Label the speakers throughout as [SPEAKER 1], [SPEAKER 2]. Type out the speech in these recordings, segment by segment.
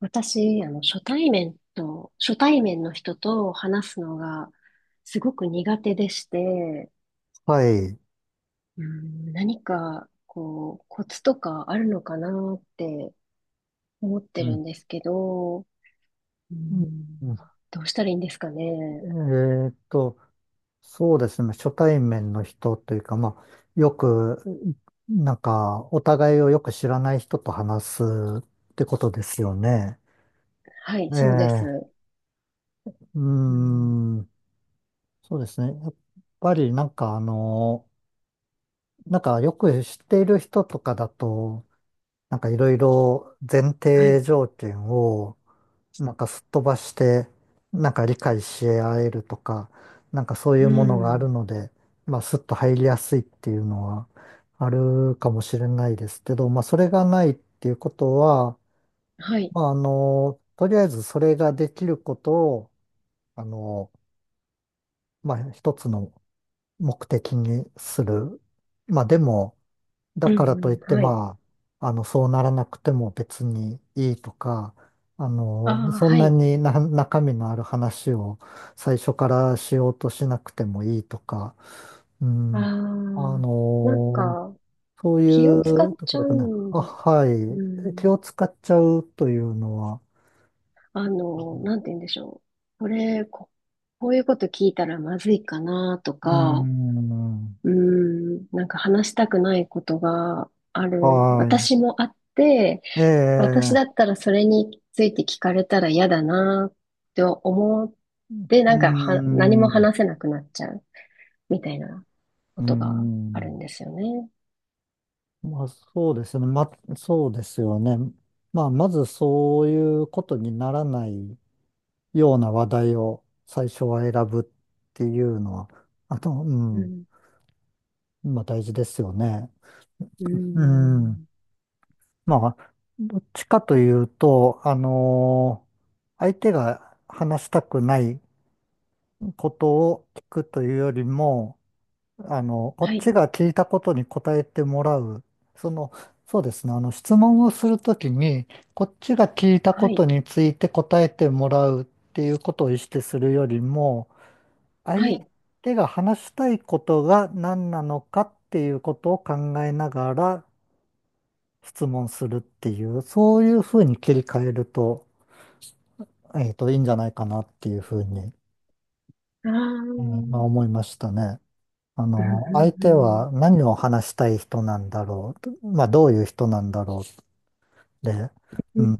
[SPEAKER 1] 私、初対面の人と話すのがすごく苦手でして、
[SPEAKER 2] はい。
[SPEAKER 1] うん、何か、こう、コツとかあるのかなって思って
[SPEAKER 2] う
[SPEAKER 1] る
[SPEAKER 2] ん。
[SPEAKER 1] んですけど、う
[SPEAKER 2] うん
[SPEAKER 1] ん、
[SPEAKER 2] うん
[SPEAKER 1] どうしたらいいんですか
[SPEAKER 2] え
[SPEAKER 1] ね。
[SPEAKER 2] ーっと、そうですね。初対面の人というか、まあ、よく、なんか、お互いをよく知らない人と話すってことですよね。
[SPEAKER 1] はい、
[SPEAKER 2] え
[SPEAKER 1] そうで
[SPEAKER 2] え、
[SPEAKER 1] す。
[SPEAKER 2] う
[SPEAKER 1] う
[SPEAKER 2] ー
[SPEAKER 1] ん、
[SPEAKER 2] ん、そうですね。やっぱり、よく知っている人とかだと、いろいろ前
[SPEAKER 1] は
[SPEAKER 2] 提
[SPEAKER 1] い、
[SPEAKER 2] 条件をすっ飛ばして、理解し合えるとか、そうい
[SPEAKER 1] う
[SPEAKER 2] うものがあ
[SPEAKER 1] ん、
[SPEAKER 2] るので、まあすっと入りやすいっていうのはあるかもしれないですけど、まあそれがないっていうことは、
[SPEAKER 1] はい、
[SPEAKER 2] まあ、とりあえずそれができることを、あの、まあ一つの目的にする。まあでも、だ
[SPEAKER 1] う
[SPEAKER 2] から
[SPEAKER 1] ん、
[SPEAKER 2] と
[SPEAKER 1] う
[SPEAKER 2] いっ
[SPEAKER 1] ん、
[SPEAKER 2] て、
[SPEAKER 1] はい。
[SPEAKER 2] まあ、そうならなくても別にいいとか、
[SPEAKER 1] ああ、
[SPEAKER 2] そん
[SPEAKER 1] は
[SPEAKER 2] な
[SPEAKER 1] い。
[SPEAKER 2] にな中身のある話を最初からしようとしなくてもいいとか、う
[SPEAKER 1] あ
[SPEAKER 2] ん、
[SPEAKER 1] あ、
[SPEAKER 2] あ
[SPEAKER 1] なん
[SPEAKER 2] の、
[SPEAKER 1] か、
[SPEAKER 2] そうい
[SPEAKER 1] 気を使っ
[SPEAKER 2] うと
[SPEAKER 1] ち
[SPEAKER 2] こ
[SPEAKER 1] ゃ
[SPEAKER 2] ろ
[SPEAKER 1] う
[SPEAKER 2] かな。
[SPEAKER 1] ん
[SPEAKER 2] あ、
[SPEAKER 1] です。
[SPEAKER 2] は
[SPEAKER 1] う
[SPEAKER 2] い。
[SPEAKER 1] ん
[SPEAKER 2] 気を使っちゃうというのは、
[SPEAKER 1] あの、なんて言うんでしょう。こういうこと聞いたらまずいかなと
[SPEAKER 2] う
[SPEAKER 1] か、
[SPEAKER 2] ん、
[SPEAKER 1] うーなんか話したくないことがある。
[SPEAKER 2] は
[SPEAKER 1] 私もあって、
[SPEAKER 2] い。え
[SPEAKER 1] 私
[SPEAKER 2] え、
[SPEAKER 1] だったらそれについて聞かれたら嫌だなって思って、
[SPEAKER 2] う
[SPEAKER 1] なんかは、何も
[SPEAKER 2] ん、
[SPEAKER 1] 話せなくなっちゃうみたいなこ
[SPEAKER 2] う
[SPEAKER 1] とがあ
[SPEAKER 2] ん。
[SPEAKER 1] るんですよね。
[SPEAKER 2] まあそうですよね。そうですよね。まあまず、そういうことにならないような話題を最初は選ぶっていうのは、あと、う
[SPEAKER 1] う
[SPEAKER 2] ん、
[SPEAKER 1] ん、
[SPEAKER 2] まあ大事ですよね。
[SPEAKER 1] うー
[SPEAKER 2] うん。
[SPEAKER 1] ん、
[SPEAKER 2] まあ、どっちかというと、相手が話したくないことを聞くというよりも、こ
[SPEAKER 1] は
[SPEAKER 2] っ
[SPEAKER 1] い、
[SPEAKER 2] ちが聞いたことに答えてもらう。その、そうですね。あの、質問をするときに、こっちが聞いた
[SPEAKER 1] は
[SPEAKER 2] こと
[SPEAKER 1] い、
[SPEAKER 2] について答えてもらうっていうことを意識するよりも、
[SPEAKER 1] は
[SPEAKER 2] 相
[SPEAKER 1] い。
[SPEAKER 2] 手が話したいことが何なのかっていうことを考えながら質問するっていう、そういうふうに切り替えると、いいんじゃないかなっていうふうに、
[SPEAKER 1] ああ、う
[SPEAKER 2] まあ、
[SPEAKER 1] ん、
[SPEAKER 2] 思いましたね。あ
[SPEAKER 1] うん、
[SPEAKER 2] の、相
[SPEAKER 1] う
[SPEAKER 2] 手
[SPEAKER 1] ん。
[SPEAKER 2] は何を話したい人なんだろうと、まあ、どういう人なんだろうって、
[SPEAKER 1] う
[SPEAKER 2] う
[SPEAKER 1] ん
[SPEAKER 2] ん、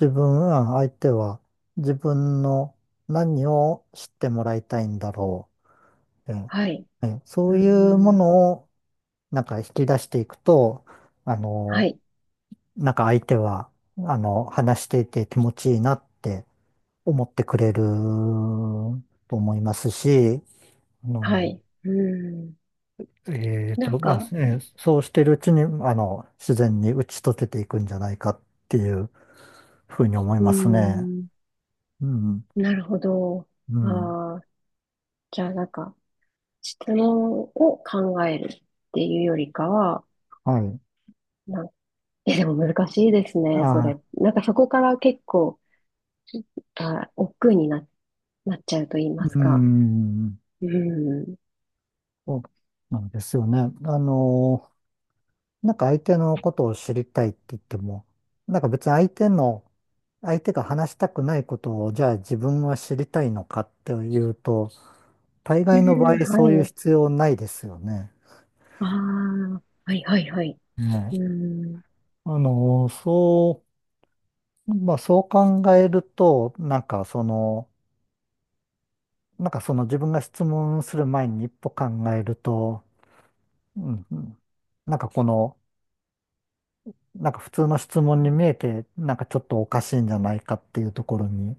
[SPEAKER 2] 自分は相手は自分の何を知ってもらいたいんだろうって、
[SPEAKER 1] はい。
[SPEAKER 2] ねそ
[SPEAKER 1] う
[SPEAKER 2] ういうも
[SPEAKER 1] ん。
[SPEAKER 2] のを引き出していくと、あ
[SPEAKER 1] は
[SPEAKER 2] の、
[SPEAKER 1] い。
[SPEAKER 2] 相手は、話していて気持ちいいなって思ってくれると思いますし、あ
[SPEAKER 1] は
[SPEAKER 2] の
[SPEAKER 1] い。うん。なんか、
[SPEAKER 2] そうしてるうちに、あの、自然に打ち解けていくんじゃないかっていうふうに思い
[SPEAKER 1] う
[SPEAKER 2] ますね。
[SPEAKER 1] ん。
[SPEAKER 2] うん、
[SPEAKER 1] なるほど。
[SPEAKER 2] うん、
[SPEAKER 1] ああ、じゃあ質問を考えるっていうよりかは、
[SPEAKER 2] はい。
[SPEAKER 1] なん、でも難しいですね、そ
[SPEAKER 2] あ
[SPEAKER 1] れ。そこから結構、億劫にな、なっちゃうと言いま
[SPEAKER 2] ー、
[SPEAKER 1] す
[SPEAKER 2] う
[SPEAKER 1] か。
[SPEAKER 2] ん、
[SPEAKER 1] うん。
[SPEAKER 2] そうなんですよね。あの、相手のことを知りたいって言っても、なんか別に相手の、相手が話したくないことを、じゃあ自分は知りたいのかっていうと、大
[SPEAKER 1] う
[SPEAKER 2] 概の場
[SPEAKER 1] ん、
[SPEAKER 2] 合そ
[SPEAKER 1] は
[SPEAKER 2] ういう
[SPEAKER 1] い。
[SPEAKER 2] 必要ないですよね。
[SPEAKER 1] ああ、はいはいはい。
[SPEAKER 2] ね。
[SPEAKER 1] うん。
[SPEAKER 2] あの、そう、まあ、そう考えると、その、自分が質問する前に一歩考えると、うんうん、なんかこの、なんか普通の質問に見えて、なんかちょっとおかしいんじゃないかっていうところに、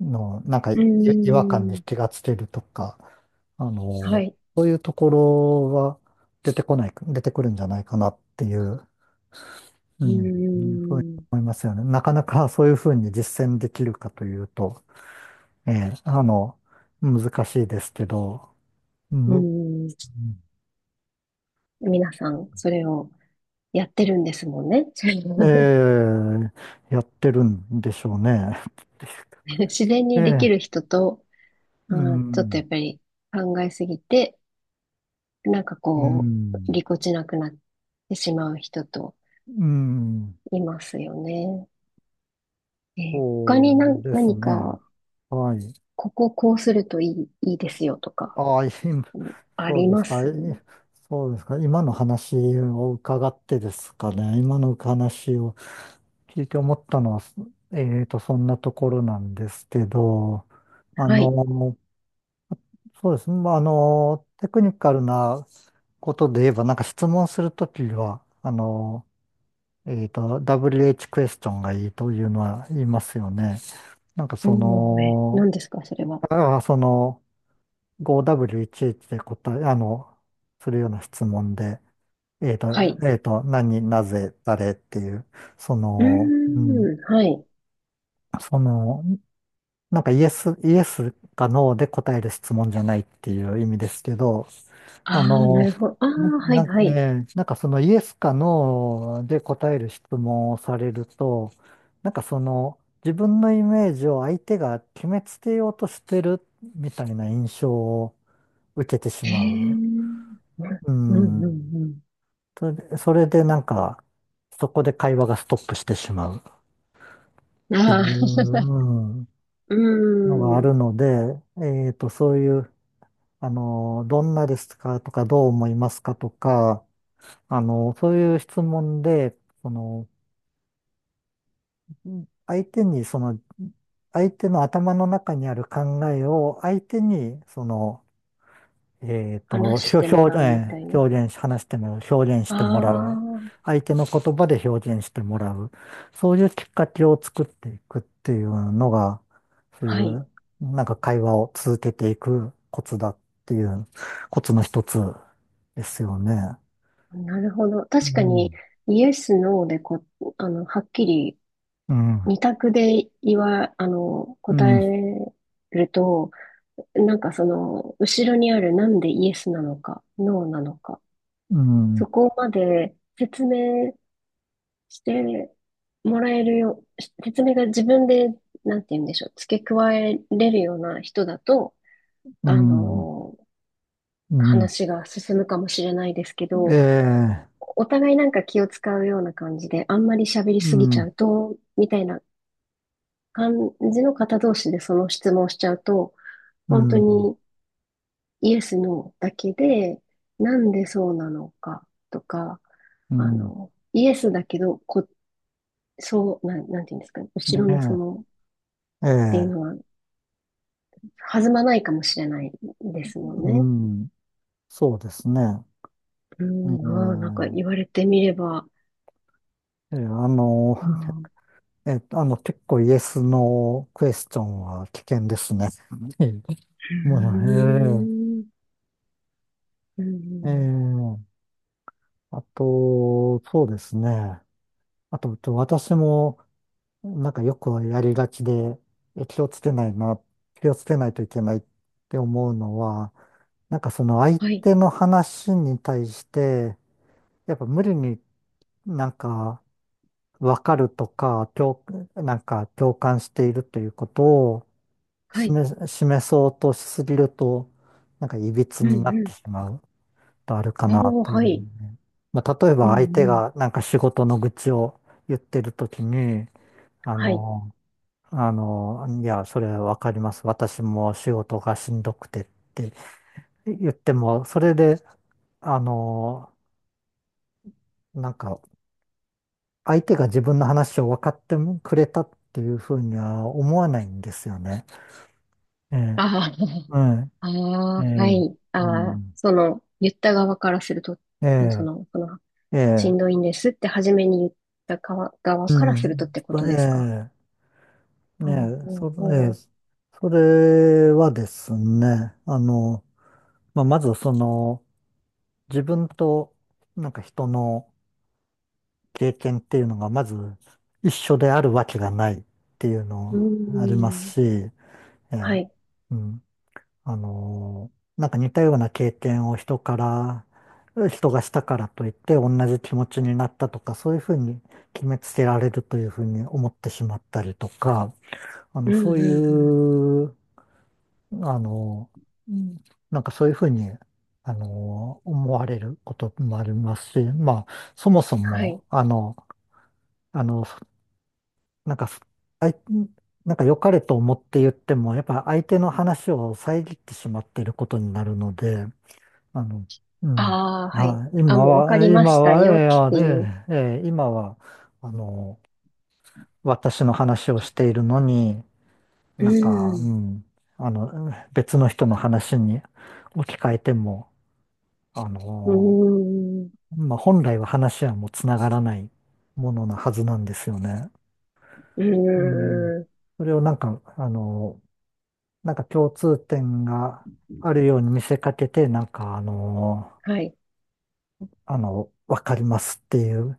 [SPEAKER 2] の、なんか
[SPEAKER 1] う
[SPEAKER 2] い違和感に
[SPEAKER 1] ん。
[SPEAKER 2] 気がつけるとか、あ
[SPEAKER 1] は
[SPEAKER 2] の、
[SPEAKER 1] い。
[SPEAKER 2] そういうところは出てこない、出てくるんじゃないかなっていう、う
[SPEAKER 1] う
[SPEAKER 2] ん、うんふうに
[SPEAKER 1] ん。
[SPEAKER 2] 思いますよね。なかなかそういうふうに実践できるかというと、ええ、あの、難しいですけど、う
[SPEAKER 1] う
[SPEAKER 2] ん
[SPEAKER 1] ん。皆さん、それをやってるんですもんね。
[SPEAKER 2] ええ、やってるんでしょうね。
[SPEAKER 1] 自然
[SPEAKER 2] え
[SPEAKER 1] にできる
[SPEAKER 2] え、
[SPEAKER 1] 人と、
[SPEAKER 2] う
[SPEAKER 1] まあー、ちょっとや
[SPEAKER 2] ん、
[SPEAKER 1] っぱり考えすぎて、
[SPEAKER 2] うん。
[SPEAKER 1] ぎこちなくなってしまう人と
[SPEAKER 2] うん、
[SPEAKER 1] いますよね。他
[SPEAKER 2] そう
[SPEAKER 1] に
[SPEAKER 2] です
[SPEAKER 1] 何
[SPEAKER 2] ね。
[SPEAKER 1] か、
[SPEAKER 2] はい。
[SPEAKER 1] こうするといいですよとか、
[SPEAKER 2] ああ、今、
[SPEAKER 1] うんあ
[SPEAKER 2] そう
[SPEAKER 1] り
[SPEAKER 2] で
[SPEAKER 1] ま
[SPEAKER 2] すか。
[SPEAKER 1] す
[SPEAKER 2] そうですか。今の話を伺ってですかね。今の話を聞いて思ったのは、そんなところなんですけど、あ
[SPEAKER 1] はい。
[SPEAKER 2] の、そうですね。テクニカルなことで言えば、なんか質問するときは、WH クエスチョンがいいというのは言いますよね。なんかそ
[SPEAKER 1] もう、え、
[SPEAKER 2] の、
[SPEAKER 1] 何ですか、それは。
[SPEAKER 2] ああ、その、5W1H で答え、あの、するような質問で、えっと、
[SPEAKER 1] はい。
[SPEAKER 2] 何、なぜ、誰っていう、そ
[SPEAKER 1] うー
[SPEAKER 2] の、うん、
[SPEAKER 1] ん、はい。
[SPEAKER 2] その、なんか、イエスかノーで答える質問じゃないっていう意味ですけど、あ
[SPEAKER 1] ああ、な
[SPEAKER 2] の、
[SPEAKER 1] るほど。ああ、はい、
[SPEAKER 2] な、な
[SPEAKER 1] はい。
[SPEAKER 2] えーなんかそのイエスかノーで答える質問をされると、なんかその自分のイメージを相手が決めつけようとしてるみたいな印象を受けてし
[SPEAKER 1] へ
[SPEAKER 2] ま
[SPEAKER 1] え、う
[SPEAKER 2] う。
[SPEAKER 1] ん
[SPEAKER 2] う
[SPEAKER 1] うん
[SPEAKER 2] ん。
[SPEAKER 1] うん
[SPEAKER 2] それでなんかそこで会話がストップしてしまうっ
[SPEAKER 1] うん。
[SPEAKER 2] ていう
[SPEAKER 1] ああ、
[SPEAKER 2] うん
[SPEAKER 1] う
[SPEAKER 2] のがあ
[SPEAKER 1] ん。
[SPEAKER 2] るので、そういう、あの、どんなですかとかどう思いますかとか、あの、そういう質問で、その、相手に、相手の頭の中にある考えを、相手に、その、えっと、
[SPEAKER 1] 話し
[SPEAKER 2] 表、
[SPEAKER 1] ても
[SPEAKER 2] 表、
[SPEAKER 1] らうみ
[SPEAKER 2] え
[SPEAKER 1] たい
[SPEAKER 2] ー
[SPEAKER 1] な。
[SPEAKER 2] 表現し、話してもらう、表現し
[SPEAKER 1] あ
[SPEAKER 2] てもらう。
[SPEAKER 1] あ、
[SPEAKER 2] 相手の言葉で表現してもらう。そういうきっかけを作っていくっていうのが、そうい
[SPEAKER 1] はい。
[SPEAKER 2] う、なんか会話を続けていくコツだっていう、コツの一つですよね。
[SPEAKER 1] なるほど。
[SPEAKER 2] う
[SPEAKER 1] 確かに、
[SPEAKER 2] ん
[SPEAKER 1] イエス、ノーでこ、あの、はっきり、
[SPEAKER 2] うん。
[SPEAKER 1] 二択で言わ、あの、
[SPEAKER 2] う
[SPEAKER 1] 答
[SPEAKER 2] ん。
[SPEAKER 1] えると、後ろにあるなんでイエスなのか、ノーなのか、
[SPEAKER 2] うん。
[SPEAKER 1] そこまで説明してもらえるよ、し説明が自分で、なんて言うんでしょう、付け加えれるような人だと、
[SPEAKER 2] う
[SPEAKER 1] あ
[SPEAKER 2] ん、
[SPEAKER 1] のー
[SPEAKER 2] うん、
[SPEAKER 1] 話が進むかもしれないですけ
[SPEAKER 2] え
[SPEAKER 1] ど、
[SPEAKER 2] え、
[SPEAKER 1] お互い気を使うような感じで、あんまり喋り
[SPEAKER 2] う
[SPEAKER 1] すぎちゃ
[SPEAKER 2] ん、
[SPEAKER 1] うと、みたいな感じの方同士でその質問しちゃうと、
[SPEAKER 2] う
[SPEAKER 1] 本当
[SPEAKER 2] ん、
[SPEAKER 1] にイエス、ノーだけで、なんでそうなのかとか、
[SPEAKER 2] うん、
[SPEAKER 1] イエスだけど、こ、そう、なん、なんていうんですかね、後ろの
[SPEAKER 2] ね
[SPEAKER 1] っ
[SPEAKER 2] え、え
[SPEAKER 1] ていうの
[SPEAKER 2] え、
[SPEAKER 1] は弾まないかもしれないですもん
[SPEAKER 2] う
[SPEAKER 1] ね。
[SPEAKER 2] ん、そうですね。
[SPEAKER 1] うん、ああ、なん
[SPEAKER 2] え
[SPEAKER 1] か言われてみれば、
[SPEAKER 2] え、ええあの、
[SPEAKER 1] ああ、う
[SPEAKER 2] 結構、イエスのクエスチョンは危険ですね。ええもう、
[SPEAKER 1] ーん、う
[SPEAKER 2] ええ、え
[SPEAKER 1] ん、
[SPEAKER 2] え、あと、そうですね。あと、私も、なんかよくやりがちで、え気をつけないな、気をつけないといけないって思うのは、相
[SPEAKER 1] はい、
[SPEAKER 2] 手の話に対して、やっぱ無理になんか分かるとか、共、なんか共感しているということを
[SPEAKER 1] はい、
[SPEAKER 2] 示そうとしすぎると、なんか歪
[SPEAKER 1] う
[SPEAKER 2] になって
[SPEAKER 1] ん、
[SPEAKER 2] しまうとあるか
[SPEAKER 1] うん、
[SPEAKER 2] な
[SPEAKER 1] おお、
[SPEAKER 2] とい
[SPEAKER 1] は
[SPEAKER 2] う
[SPEAKER 1] い、
[SPEAKER 2] ね。まあ、例え
[SPEAKER 1] うん、
[SPEAKER 2] ば相手
[SPEAKER 1] うん、
[SPEAKER 2] がなんか仕事の愚痴を言ってるときに、あ
[SPEAKER 1] はい、
[SPEAKER 2] の、いや、それわかります。私も仕事がしんどくてって言っても、それで、あの、なんか、相手が自分の話を分かってくれたっていうふうには思わないんですよね。ええ、
[SPEAKER 1] あ
[SPEAKER 2] うん、
[SPEAKER 1] あ、あ
[SPEAKER 2] ええ、
[SPEAKER 1] あ、はい、
[SPEAKER 2] う
[SPEAKER 1] ああ、
[SPEAKER 2] ん、
[SPEAKER 1] 言った側からすると、
[SPEAKER 2] え
[SPEAKER 1] そ
[SPEAKER 2] え、
[SPEAKER 1] の、その、
[SPEAKER 2] え
[SPEAKER 1] し
[SPEAKER 2] え、
[SPEAKER 1] んどいんですって初めに言った側
[SPEAKER 2] う
[SPEAKER 1] からするとっ
[SPEAKER 2] ん、
[SPEAKER 1] てことですか。
[SPEAKER 2] ええ、え
[SPEAKER 1] お
[SPEAKER 2] え、
[SPEAKER 1] お、
[SPEAKER 2] そ、
[SPEAKER 1] お
[SPEAKER 2] ええ、
[SPEAKER 1] お、
[SPEAKER 2] それはですね、まあ、まずその、自分と、なんか人の経験っていうのがまず一緒であるわけがないっていう
[SPEAKER 1] うー
[SPEAKER 2] のあります
[SPEAKER 1] ん、
[SPEAKER 2] し、ええ
[SPEAKER 1] はい、
[SPEAKER 2] うん、なんか似たような経験を人がしたからといって同じ気持ちになったとか、そういうふうに決めつけられるというふうに思ってしまったりとか、あ
[SPEAKER 1] う
[SPEAKER 2] の、
[SPEAKER 1] ん、う
[SPEAKER 2] そう
[SPEAKER 1] ん、うん、
[SPEAKER 2] いう、あのーうんなんかそういうふうに、思われることもありますし、まあ、そもそ
[SPEAKER 1] は
[SPEAKER 2] も、
[SPEAKER 1] い。
[SPEAKER 2] あの、あの、なんかあい、なんか良かれと思って言っても、やっぱ相手の話を遮ってしまっていることになるので、あの、うん。
[SPEAKER 1] ああ、はい。
[SPEAKER 2] あ、
[SPEAKER 1] あ、
[SPEAKER 2] 今
[SPEAKER 1] もうわか
[SPEAKER 2] は、
[SPEAKER 1] りま
[SPEAKER 2] 今
[SPEAKER 1] した
[SPEAKER 2] は、
[SPEAKER 1] よっ
[SPEAKER 2] えーあ
[SPEAKER 1] てい
[SPEAKER 2] で
[SPEAKER 1] う。
[SPEAKER 2] えー今は、あの、私の話をしているのに、
[SPEAKER 1] う
[SPEAKER 2] なん
[SPEAKER 1] ー
[SPEAKER 2] か、う
[SPEAKER 1] ん。
[SPEAKER 2] ん、別の人の話に置き換えても、あ
[SPEAKER 1] うー
[SPEAKER 2] の、
[SPEAKER 1] ん。
[SPEAKER 2] まあ、本来は話はもうつながらないものなはずなんですよね。
[SPEAKER 1] う
[SPEAKER 2] うん。
[SPEAKER 1] ーん。
[SPEAKER 2] それを、共通点があるように見せかけて、
[SPEAKER 1] はい。
[SPEAKER 2] わかりますっていう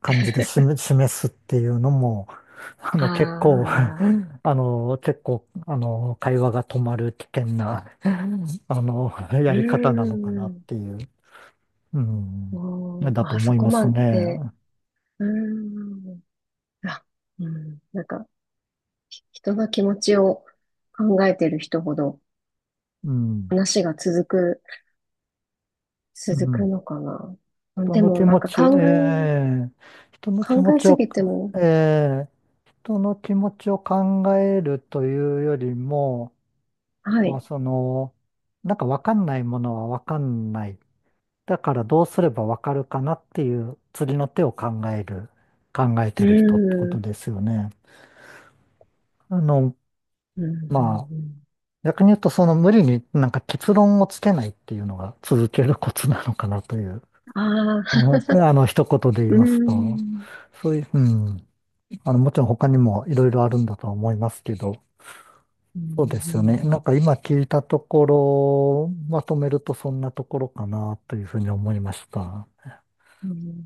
[SPEAKER 2] 感じで示すっていうのも、
[SPEAKER 1] ああ、
[SPEAKER 2] あの、結構、あの、会話が止まる危険なあのや
[SPEAKER 1] うー
[SPEAKER 2] り方なのかなっ
[SPEAKER 1] ん。
[SPEAKER 2] ていう、うん、
[SPEAKER 1] おー、
[SPEAKER 2] だと
[SPEAKER 1] あ、
[SPEAKER 2] 思
[SPEAKER 1] そ
[SPEAKER 2] い
[SPEAKER 1] こ
[SPEAKER 2] ます
[SPEAKER 1] ま
[SPEAKER 2] ね。
[SPEAKER 1] で。うーん。あ、うん。人の気持ちを考えてる人ほど
[SPEAKER 2] うん。
[SPEAKER 1] 話が
[SPEAKER 2] う
[SPEAKER 1] 続く
[SPEAKER 2] ん。
[SPEAKER 1] のかな。うん
[SPEAKER 2] 人
[SPEAKER 1] で
[SPEAKER 2] の気
[SPEAKER 1] も、
[SPEAKER 2] 持ち、ええ人の気
[SPEAKER 1] 考
[SPEAKER 2] 持
[SPEAKER 1] え
[SPEAKER 2] ち
[SPEAKER 1] す
[SPEAKER 2] を、
[SPEAKER 1] ぎても、
[SPEAKER 2] ええ人の気持ちを考えるというよりも、
[SPEAKER 1] は
[SPEAKER 2] まあ
[SPEAKER 1] い。
[SPEAKER 2] その、なんかわかんないものはわかんない。だからどうすればわかるかなっていう次の手を考える、考え
[SPEAKER 1] う
[SPEAKER 2] てる人ってこ
[SPEAKER 1] ー
[SPEAKER 2] と
[SPEAKER 1] ん。
[SPEAKER 2] ですよね。あの、
[SPEAKER 1] うん。うん。
[SPEAKER 2] まあ、
[SPEAKER 1] ん
[SPEAKER 2] 逆に言うとその無理になんか結論をつけないっていうのが続けるコツなのかなという、
[SPEAKER 1] あ
[SPEAKER 2] あ
[SPEAKER 1] ー
[SPEAKER 2] の、あの一言で言 い
[SPEAKER 1] うー
[SPEAKER 2] ますと、
[SPEAKER 1] ん。
[SPEAKER 2] そういう、うん、あの、もちろん他にもいろいろあるんだとは思いますけど、
[SPEAKER 1] う
[SPEAKER 2] そうですよ
[SPEAKER 1] ん
[SPEAKER 2] ね。なんか今聞いたところ、まとめるとそんなところかなというふうに思いました。
[SPEAKER 1] うんうん